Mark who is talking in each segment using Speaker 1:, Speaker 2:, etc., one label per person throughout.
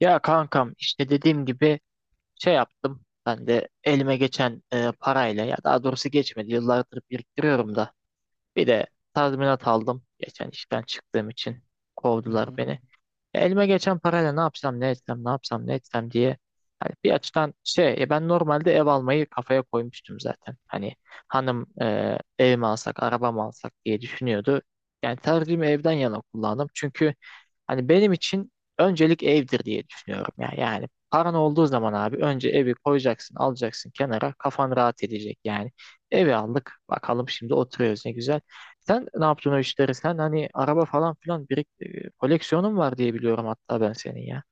Speaker 1: Ya kankam işte dediğim gibi şey yaptım. Ben de elime geçen parayla ya daha doğrusu geçmedi. Yıllardır biriktiriyorum da. Bir de tazminat aldım. Geçen işten çıktığım için
Speaker 2: Hı
Speaker 1: kovdular
Speaker 2: hı.
Speaker 1: beni. Elime geçen parayla ne yapsam ne etsem ne yapsam ne etsem diye. Hani bir açıdan şey ben normalde ev almayı kafaya koymuştum zaten. Hani hanım ev mi alsak araba mı alsak diye düşünüyordu. Yani tercihimi evden yana kullandım. Çünkü hani benim için öncelik evdir diye düşünüyorum ya. Yani paran olduğu zaman abi önce evi koyacaksın, alacaksın kenara. Kafan rahat edecek yani. Evi aldık. Bakalım şimdi oturuyoruz ne güzel. Sen ne yaptın o işleri? Sen hani araba falan filan koleksiyonun var diye biliyorum hatta ben senin ya.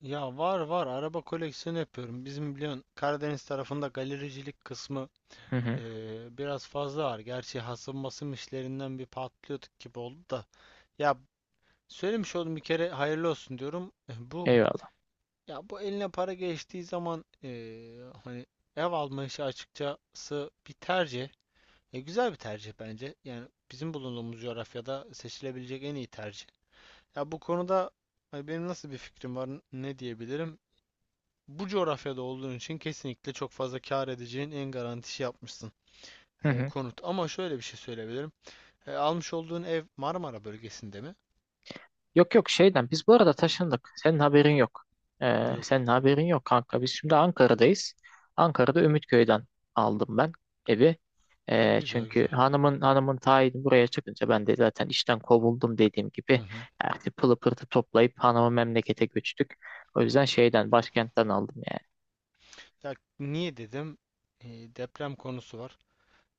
Speaker 2: Ya var var araba koleksiyonu yapıyorum. Bizim biliyorsun Karadeniz tarafında galericilik kısmı
Speaker 1: Hı hı.
Speaker 2: biraz fazla var. Gerçi hasım basım işlerinden bir patlıyorduk gibi oldu da. Ya söylemiş oldum bir kere, hayırlı olsun diyorum. Eh,
Speaker 1: Eyvallah.
Speaker 2: bu eline para geçtiği zaman hani ev alma işi açıkçası bir tercih. E, güzel bir tercih bence. Yani bizim bulunduğumuz coğrafyada seçilebilecek en iyi tercih. Ya bu konuda hani benim nasıl bir fikrim var, ne diyebilirim? Bu coğrafyada olduğun için kesinlikle çok fazla kâr edeceğin en garantisi yapmışsın,
Speaker 1: Hı hı.
Speaker 2: konut. Ama şöyle bir şey söyleyebilirim. E, almış olduğun ev Marmara bölgesinde mi?
Speaker 1: Yok yok, şeyden biz bu arada taşındık. Senin haberin yok.
Speaker 2: Yok.
Speaker 1: Senin haberin yok kanka. Biz şimdi Ankara'dayız. Ankara'da Ümitköy'den aldım ben evi.
Speaker 2: E, güzel
Speaker 1: Çünkü
Speaker 2: güzel.
Speaker 1: hanımın tayini buraya çıkınca ben de zaten işten kovuldum dediğim
Speaker 2: Hı
Speaker 1: gibi
Speaker 2: hı.
Speaker 1: artık pılı pırtı toplayıp hanımı memlekete göçtük. O yüzden şeyden başkentten aldım yani.
Speaker 2: Ya niye dedim? E, deprem konusu var.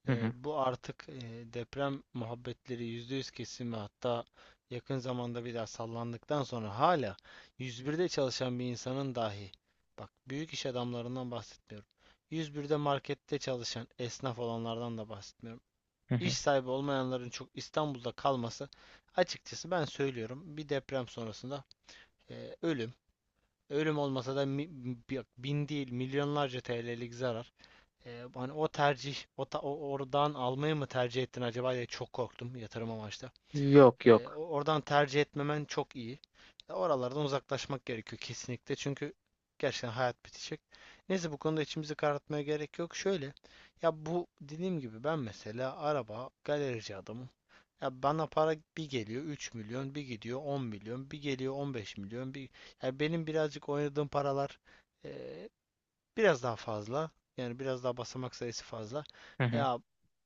Speaker 1: Hı hı,
Speaker 2: Bu artık deprem muhabbetleri %100 kesin ve hatta yakın zamanda bir daha sallandıktan sonra hala 101'de çalışan bir insanın dahi, bak, büyük iş adamlarından bahsetmiyorum. 101'de markette çalışan esnaf olanlardan da bahsetmiyorum.
Speaker 1: hı
Speaker 2: İş
Speaker 1: hı.
Speaker 2: sahibi olmayanların çok İstanbul'da kalması, açıkçası ben söylüyorum, bir deprem sonrasında ölüm. Ölüm olmasa da bin değil milyonlarca TL'lik zarar. Hani o tercih, oradan almayı mı tercih ettin acaba diye çok korktum, yatırım amaçlı.
Speaker 1: Yok yok.
Speaker 2: Oradan tercih etmemen çok iyi. E, oralardan uzaklaşmak gerekiyor kesinlikle, çünkü gerçekten hayat bitecek. Neyse, bu konuda içimizi karartmaya gerek yok. Şöyle, ya bu dediğim gibi ben mesela araba, galerici adamım. Ya bana para bir geliyor 3 milyon, bir gidiyor 10 milyon, bir geliyor 15 milyon, bir... Ya benim birazcık oynadığım paralar e, biraz daha fazla. Yani biraz daha basamak sayısı fazla.
Speaker 1: Hı hı,
Speaker 2: Ya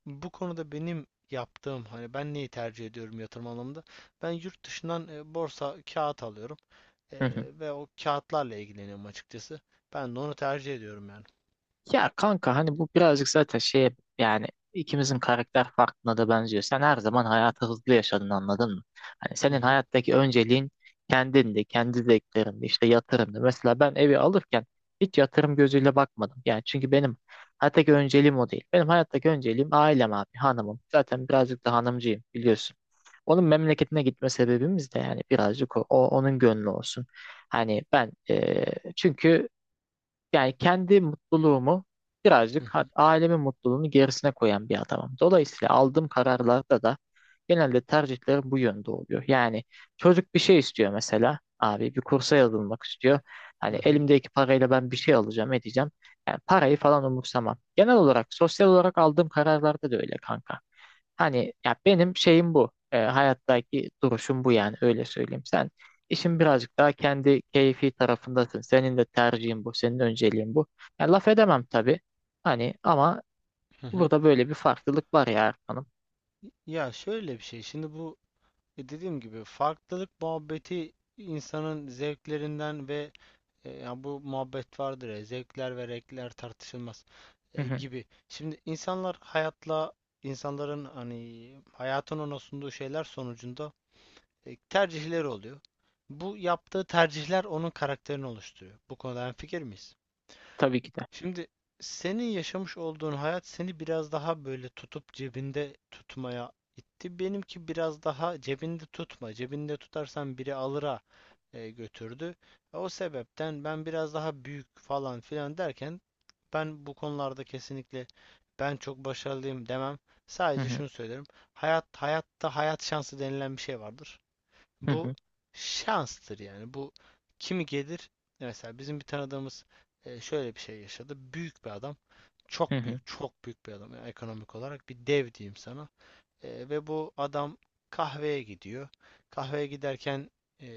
Speaker 2: bu konuda benim yaptığım, hani ben neyi tercih ediyorum yatırım anlamında? Ben yurt dışından borsa kağıt alıyorum. E,
Speaker 1: hı hı.
Speaker 2: ve o kağıtlarla ilgileniyorum açıkçası. Ben de onu tercih ediyorum yani.
Speaker 1: Ya kanka hani bu birazcık zaten şeye yani ikimizin karakter farkına da benziyor. Sen her zaman hayatı hızlı yaşadın anladın mı? Hani
Speaker 2: Hı
Speaker 1: senin
Speaker 2: hı.
Speaker 1: hayattaki önceliğin kendindi, kendi zevklerindi, işte yatırımdı. Mesela ben evi alırken hiç yatırım gözüyle bakmadım. Yani çünkü benim hayattaki önceliğim o değil. Benim hayattaki önceliğim ailem abi, hanımım. Zaten birazcık da hanımcıyım biliyorsun. Onun memleketine gitme sebebimiz de yani birazcık onun gönlü olsun. Hani ben çünkü yani kendi mutluluğumu
Speaker 2: Hı
Speaker 1: birazcık
Speaker 2: hı.
Speaker 1: ailemin mutluluğunu gerisine koyan bir adamım. Dolayısıyla aldığım kararlarda da genelde tercihlerim bu yönde oluyor. Yani çocuk bir şey istiyor mesela. Abi bir kursa yazılmak istiyor.
Speaker 2: Hı
Speaker 1: Hani
Speaker 2: hı.
Speaker 1: elimdeki parayla ben bir şey alacağım, edeceğim. Yani parayı falan umursamam. Genel olarak sosyal olarak aldığım kararlarda da öyle kanka. Hani ya benim şeyim bu. Hayattaki duruşum bu yani öyle söyleyeyim. Sen işin birazcık daha kendi keyfi tarafındasın. Senin de tercihin bu, senin önceliğin bu. Ya laf edemem tabii. Hani ama
Speaker 2: Hı hı.
Speaker 1: burada böyle bir farklılık var ya Erkan'ım.
Speaker 2: Ya şöyle bir şey. Şimdi bu dediğim gibi farklılık muhabbeti insanın zevklerinden ve... yani bu muhabbet vardır ya, zevkler ve renkler tartışılmaz
Speaker 1: Hı hı,
Speaker 2: gibi. Şimdi insanların hani hayatın ona sunduğu şeyler sonucunda tercihleri oluyor. Bu yaptığı tercihler onun karakterini oluşturuyor. Bu konuda hemfikir miyiz?
Speaker 1: tabii ki de.
Speaker 2: Şimdi, senin yaşamış olduğun hayat seni biraz daha böyle tutup cebinde tutmaya itti. Benimki biraz daha cebinde tutma. Cebinde tutarsan biri alıra, götürdü. O sebepten ben biraz daha büyük falan filan derken, ben bu konularda kesinlikle ben çok başarılıyım demem.
Speaker 1: Hı
Speaker 2: Sadece
Speaker 1: hı,
Speaker 2: şunu söylerim. Hayat şansı denilen bir şey vardır.
Speaker 1: hı
Speaker 2: Bu
Speaker 1: hı,
Speaker 2: şanstır yani. Bu kimi gelir? Mesela bizim bir tanıdığımız şöyle bir şey yaşadı. Büyük bir adam.
Speaker 1: hı
Speaker 2: Çok
Speaker 1: hı,
Speaker 2: büyük, çok büyük bir adam. Yani ekonomik olarak bir dev diyeyim sana. Ve bu adam kahveye gidiyor. Kahveye giderken e,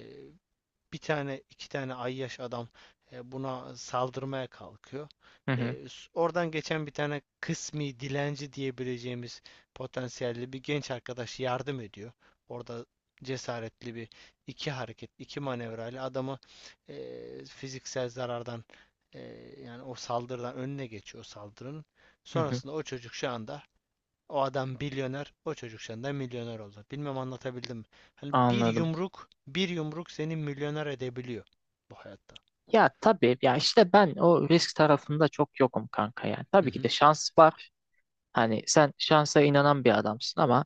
Speaker 2: bir tane iki tane ayyaş adam buna saldırmaya kalkıyor.
Speaker 1: hı hı,
Speaker 2: Oradan geçen bir tane kısmi dilenci diyebileceğimiz potansiyelli bir genç arkadaş yardım ediyor. Orada cesaretli bir iki hareket, iki manevrayla adamı fiziksel zarardan, e, yani o saldırıdan önüne geçiyor o saldırının.
Speaker 1: hı hı.
Speaker 2: Sonrasında o çocuk şu anda, o adam milyoner, o çocuk şu milyoner oldu. Bilmem anlatabildim mi? Hani bir
Speaker 1: Anladım.
Speaker 2: yumruk, bir yumruk seni milyoner edebiliyor bu hayatta.
Speaker 1: Ya tabii ya işte ben o risk tarafında çok yokum kanka yani.
Speaker 2: Hı
Speaker 1: Tabii ki
Speaker 2: hı.
Speaker 1: de şans var. Hani sen şansa inanan bir adamsın ama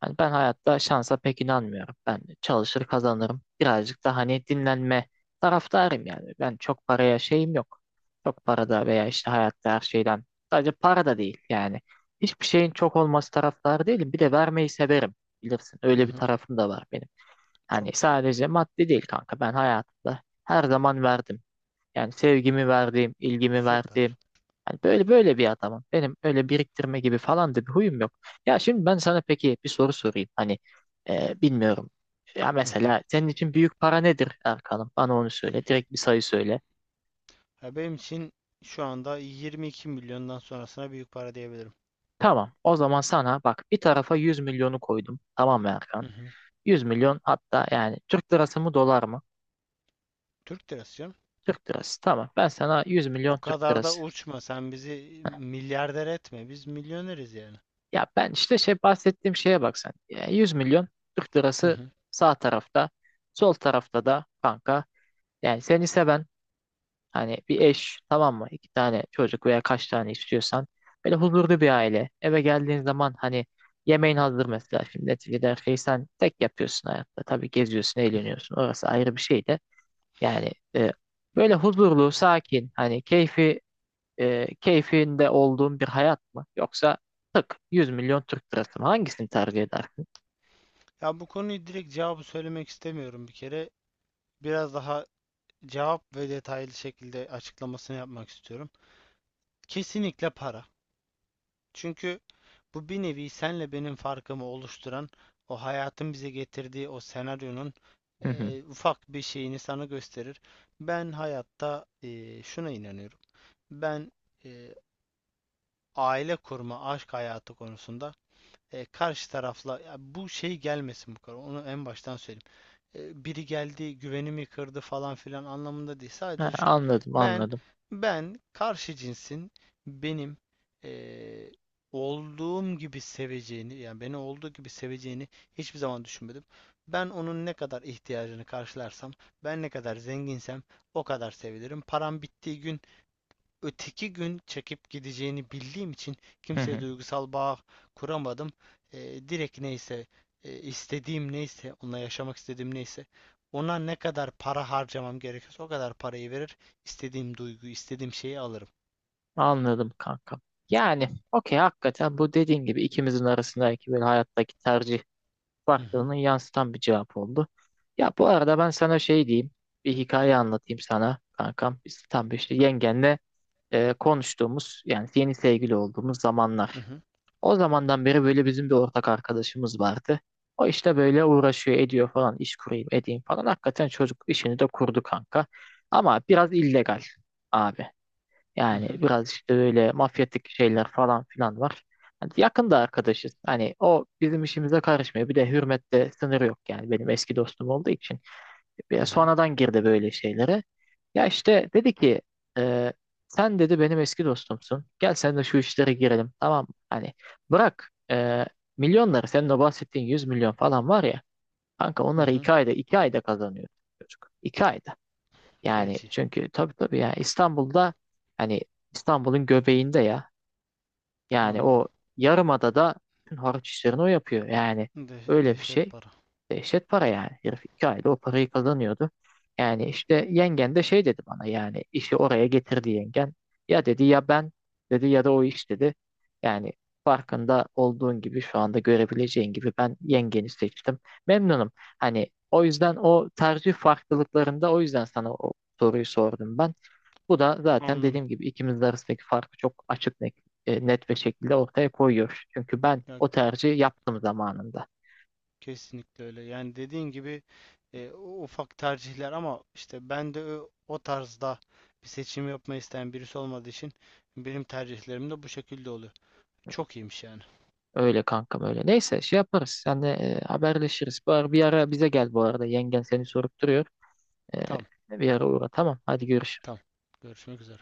Speaker 1: hani ben hayatta şansa pek inanmıyorum. Ben çalışır kazanırım. Birazcık da hani dinlenme taraftarıyım yani. Ben çok paraya şeyim yok. Çok parada veya işte hayatta her şeyden. Sadece para da değil yani. Hiçbir şeyin çok olması taraftarı değilim. Bir de vermeyi severim. Bilirsin
Speaker 2: Hı
Speaker 1: öyle bir
Speaker 2: hı.
Speaker 1: tarafım da var benim. Hani
Speaker 2: Çok güzel.
Speaker 1: sadece maddi değil kanka. Ben hayatımda her zaman verdim. Yani sevgimi verdiğim, ilgimi
Speaker 2: Süper.
Speaker 1: verdiğim. Yani böyle böyle bir adamım. Benim öyle biriktirme gibi falan da bir huyum yok. Ya şimdi ben sana peki bir soru sorayım. Hani bilmiyorum. Ya
Speaker 2: Hı.
Speaker 1: mesela senin için büyük para nedir Erkan'ım? Bana onu söyle. Direkt bir sayı söyle.
Speaker 2: Ya benim için şu anda 22 milyondan sonrasına büyük para diyebilirim.
Speaker 1: Tamam. O zaman sana bak bir tarafa 100 milyonu koydum. Tamam mı
Speaker 2: Hı
Speaker 1: Erkan?
Speaker 2: hı.
Speaker 1: 100 milyon hatta yani Türk lirası mı dolar mı?
Speaker 2: Türk lirası canım.
Speaker 1: Türk lirası. Tamam. Ben sana 100
Speaker 2: O
Speaker 1: milyon Türk
Speaker 2: kadar da
Speaker 1: lirası.
Speaker 2: uçma. Sen bizi milyarder etme. Biz milyoneriz yani.
Speaker 1: Ya ben işte şey bahsettiğim şeye bak sen. Yani 100 milyon Türk
Speaker 2: Hı
Speaker 1: lirası
Speaker 2: hı.
Speaker 1: sağ tarafta, sol tarafta da kanka. Yani seni seven hani bir eş tamam mı? İki tane çocuk veya kaç tane istiyorsan böyle huzurlu bir aile. Eve geldiğin zaman hani yemeğin hazır mesela şimdi neticede her şeyi sen tek yapıyorsun hayatta. Tabii geziyorsun,
Speaker 2: Hı.
Speaker 1: eğleniyorsun. Orası ayrı bir şey de. Yani böyle huzurlu, sakin hani keyfi keyfinde olduğun bir hayat mı? Yoksa tık 100 milyon Türk lirası mı? Hangisini tercih edersin?
Speaker 2: Ya bu konuyu direkt cevabı söylemek istemiyorum bir kere. Biraz daha cevap ve detaylı şekilde açıklamasını yapmak istiyorum. Kesinlikle para. Çünkü bu bir nevi senle benim farkımı oluşturan, o hayatın bize getirdiği o senaryonun
Speaker 1: Hı hı.
Speaker 2: ufak bir şeyini sana gösterir. Ben hayatta şuna inanıyorum. Ben eee, aile kurma, aşk hayatı konusunda karşı tarafla ya bu şey gelmesin bu kadar. Onu en baştan söyleyeyim, biri geldi güvenimi kırdı falan filan anlamında değil.
Speaker 1: Ha,
Speaker 2: Sadece şu.
Speaker 1: anladım
Speaker 2: Ben
Speaker 1: anladım.
Speaker 2: ben karşı cinsin benim e, olduğum gibi seveceğini, yani beni olduğu gibi seveceğini hiçbir zaman düşünmedim. Ben onun ne kadar ihtiyacını karşılarsam, ben ne kadar zenginsem o kadar sevilirim. Param bittiği gün öteki gün çekip gideceğini bildiğim için
Speaker 1: Hı
Speaker 2: kimseye
Speaker 1: hı.
Speaker 2: duygusal bağ kuramadım. Direkt neyse, istediğim neyse, onunla yaşamak istediğim neyse, ona ne kadar para harcamam gerekiyorsa o kadar parayı verir, istediğim duyguyu, istediğim şeyi alırım.
Speaker 1: Anladım kanka. Yani okey hakikaten bu dediğin gibi ikimizin arasındaki böyle hayattaki tercih
Speaker 2: Hı hı.
Speaker 1: farklılığını yansıtan bir cevap oldu. Ya bu arada ben sana şey diyeyim. Bir hikaye anlatayım sana kankam. Biz tam bir işte yengenle konuştuğumuz yani yeni sevgili olduğumuz
Speaker 2: Hı
Speaker 1: zamanlar.
Speaker 2: hı.
Speaker 1: O zamandan beri böyle bizim bir ortak arkadaşımız vardı. O işte böyle uğraşıyor ediyor falan iş kurayım edeyim falan. Hakikaten çocuk işini de kurdu kanka. Ama biraz illegal abi.
Speaker 2: Hı
Speaker 1: Yani
Speaker 2: hı.
Speaker 1: biraz işte böyle mafyatik şeyler falan filan var. Hani yakında arkadaşız. Hani o bizim işimize karışmıyor. Bir de hürmette sınır yok yani benim eski dostum olduğu için.
Speaker 2: Hı
Speaker 1: Bir
Speaker 2: hı.
Speaker 1: sonradan girdi böyle şeylere. Ya işte dedi ki e, sen dedi benim eski dostumsun. Gel sen de şu işlere girelim tamam mı? Hani bırak milyonları senin o bahsettiğin 100 milyon falan var ya. Kanka
Speaker 2: Hı
Speaker 1: onları
Speaker 2: hı.
Speaker 1: iki ayda iki ayda kazanıyor çocuk. İki ayda. Yani
Speaker 2: Feci.
Speaker 1: çünkü tabii tabii ya İstanbul'da hani İstanbul'un göbeğinde ya yani
Speaker 2: Anladım.
Speaker 1: o yarımadada bütün harç işlerini o yapıyor. Yani
Speaker 2: De
Speaker 1: öyle bir
Speaker 2: dehşet
Speaker 1: şey.
Speaker 2: para.
Speaker 1: Dehşet para yani. Herif iki ayda o parayı kazanıyordu. Yani işte yengen de şey dedi bana yani işi oraya getirdi yengen. Ya dedi ya ben dedi ya da o iş dedi. Yani farkında olduğun gibi şu anda görebileceğin gibi ben yengeni seçtim. Memnunum. Hani o yüzden o tercih farklılıklarında o yüzden sana o soruyu sordum ben. Bu da zaten
Speaker 2: Anladım.
Speaker 1: dediğim gibi ikimiz arasındaki farkı çok açık net bir şekilde ortaya koyuyor. Çünkü ben
Speaker 2: Ya
Speaker 1: o tercihi yaptım zamanında.
Speaker 2: kesinlikle öyle. Yani dediğin gibi ufak tercihler ama işte ben de o tarzda bir seçim yapmayı isteyen birisi olmadığı için benim tercihlerim de bu şekilde oluyor. Çok iyiymiş yani.
Speaker 1: Öyle kankam öyle. Neyse şey yaparız. Senle haberleşiriz. Bari bir ara bize gel bu arada. Yengen seni sorup duruyor.
Speaker 2: Tamam,
Speaker 1: Bir ara uğra. Tamam. Hadi görüşürüz.
Speaker 2: tamam. Görüşmek üzere.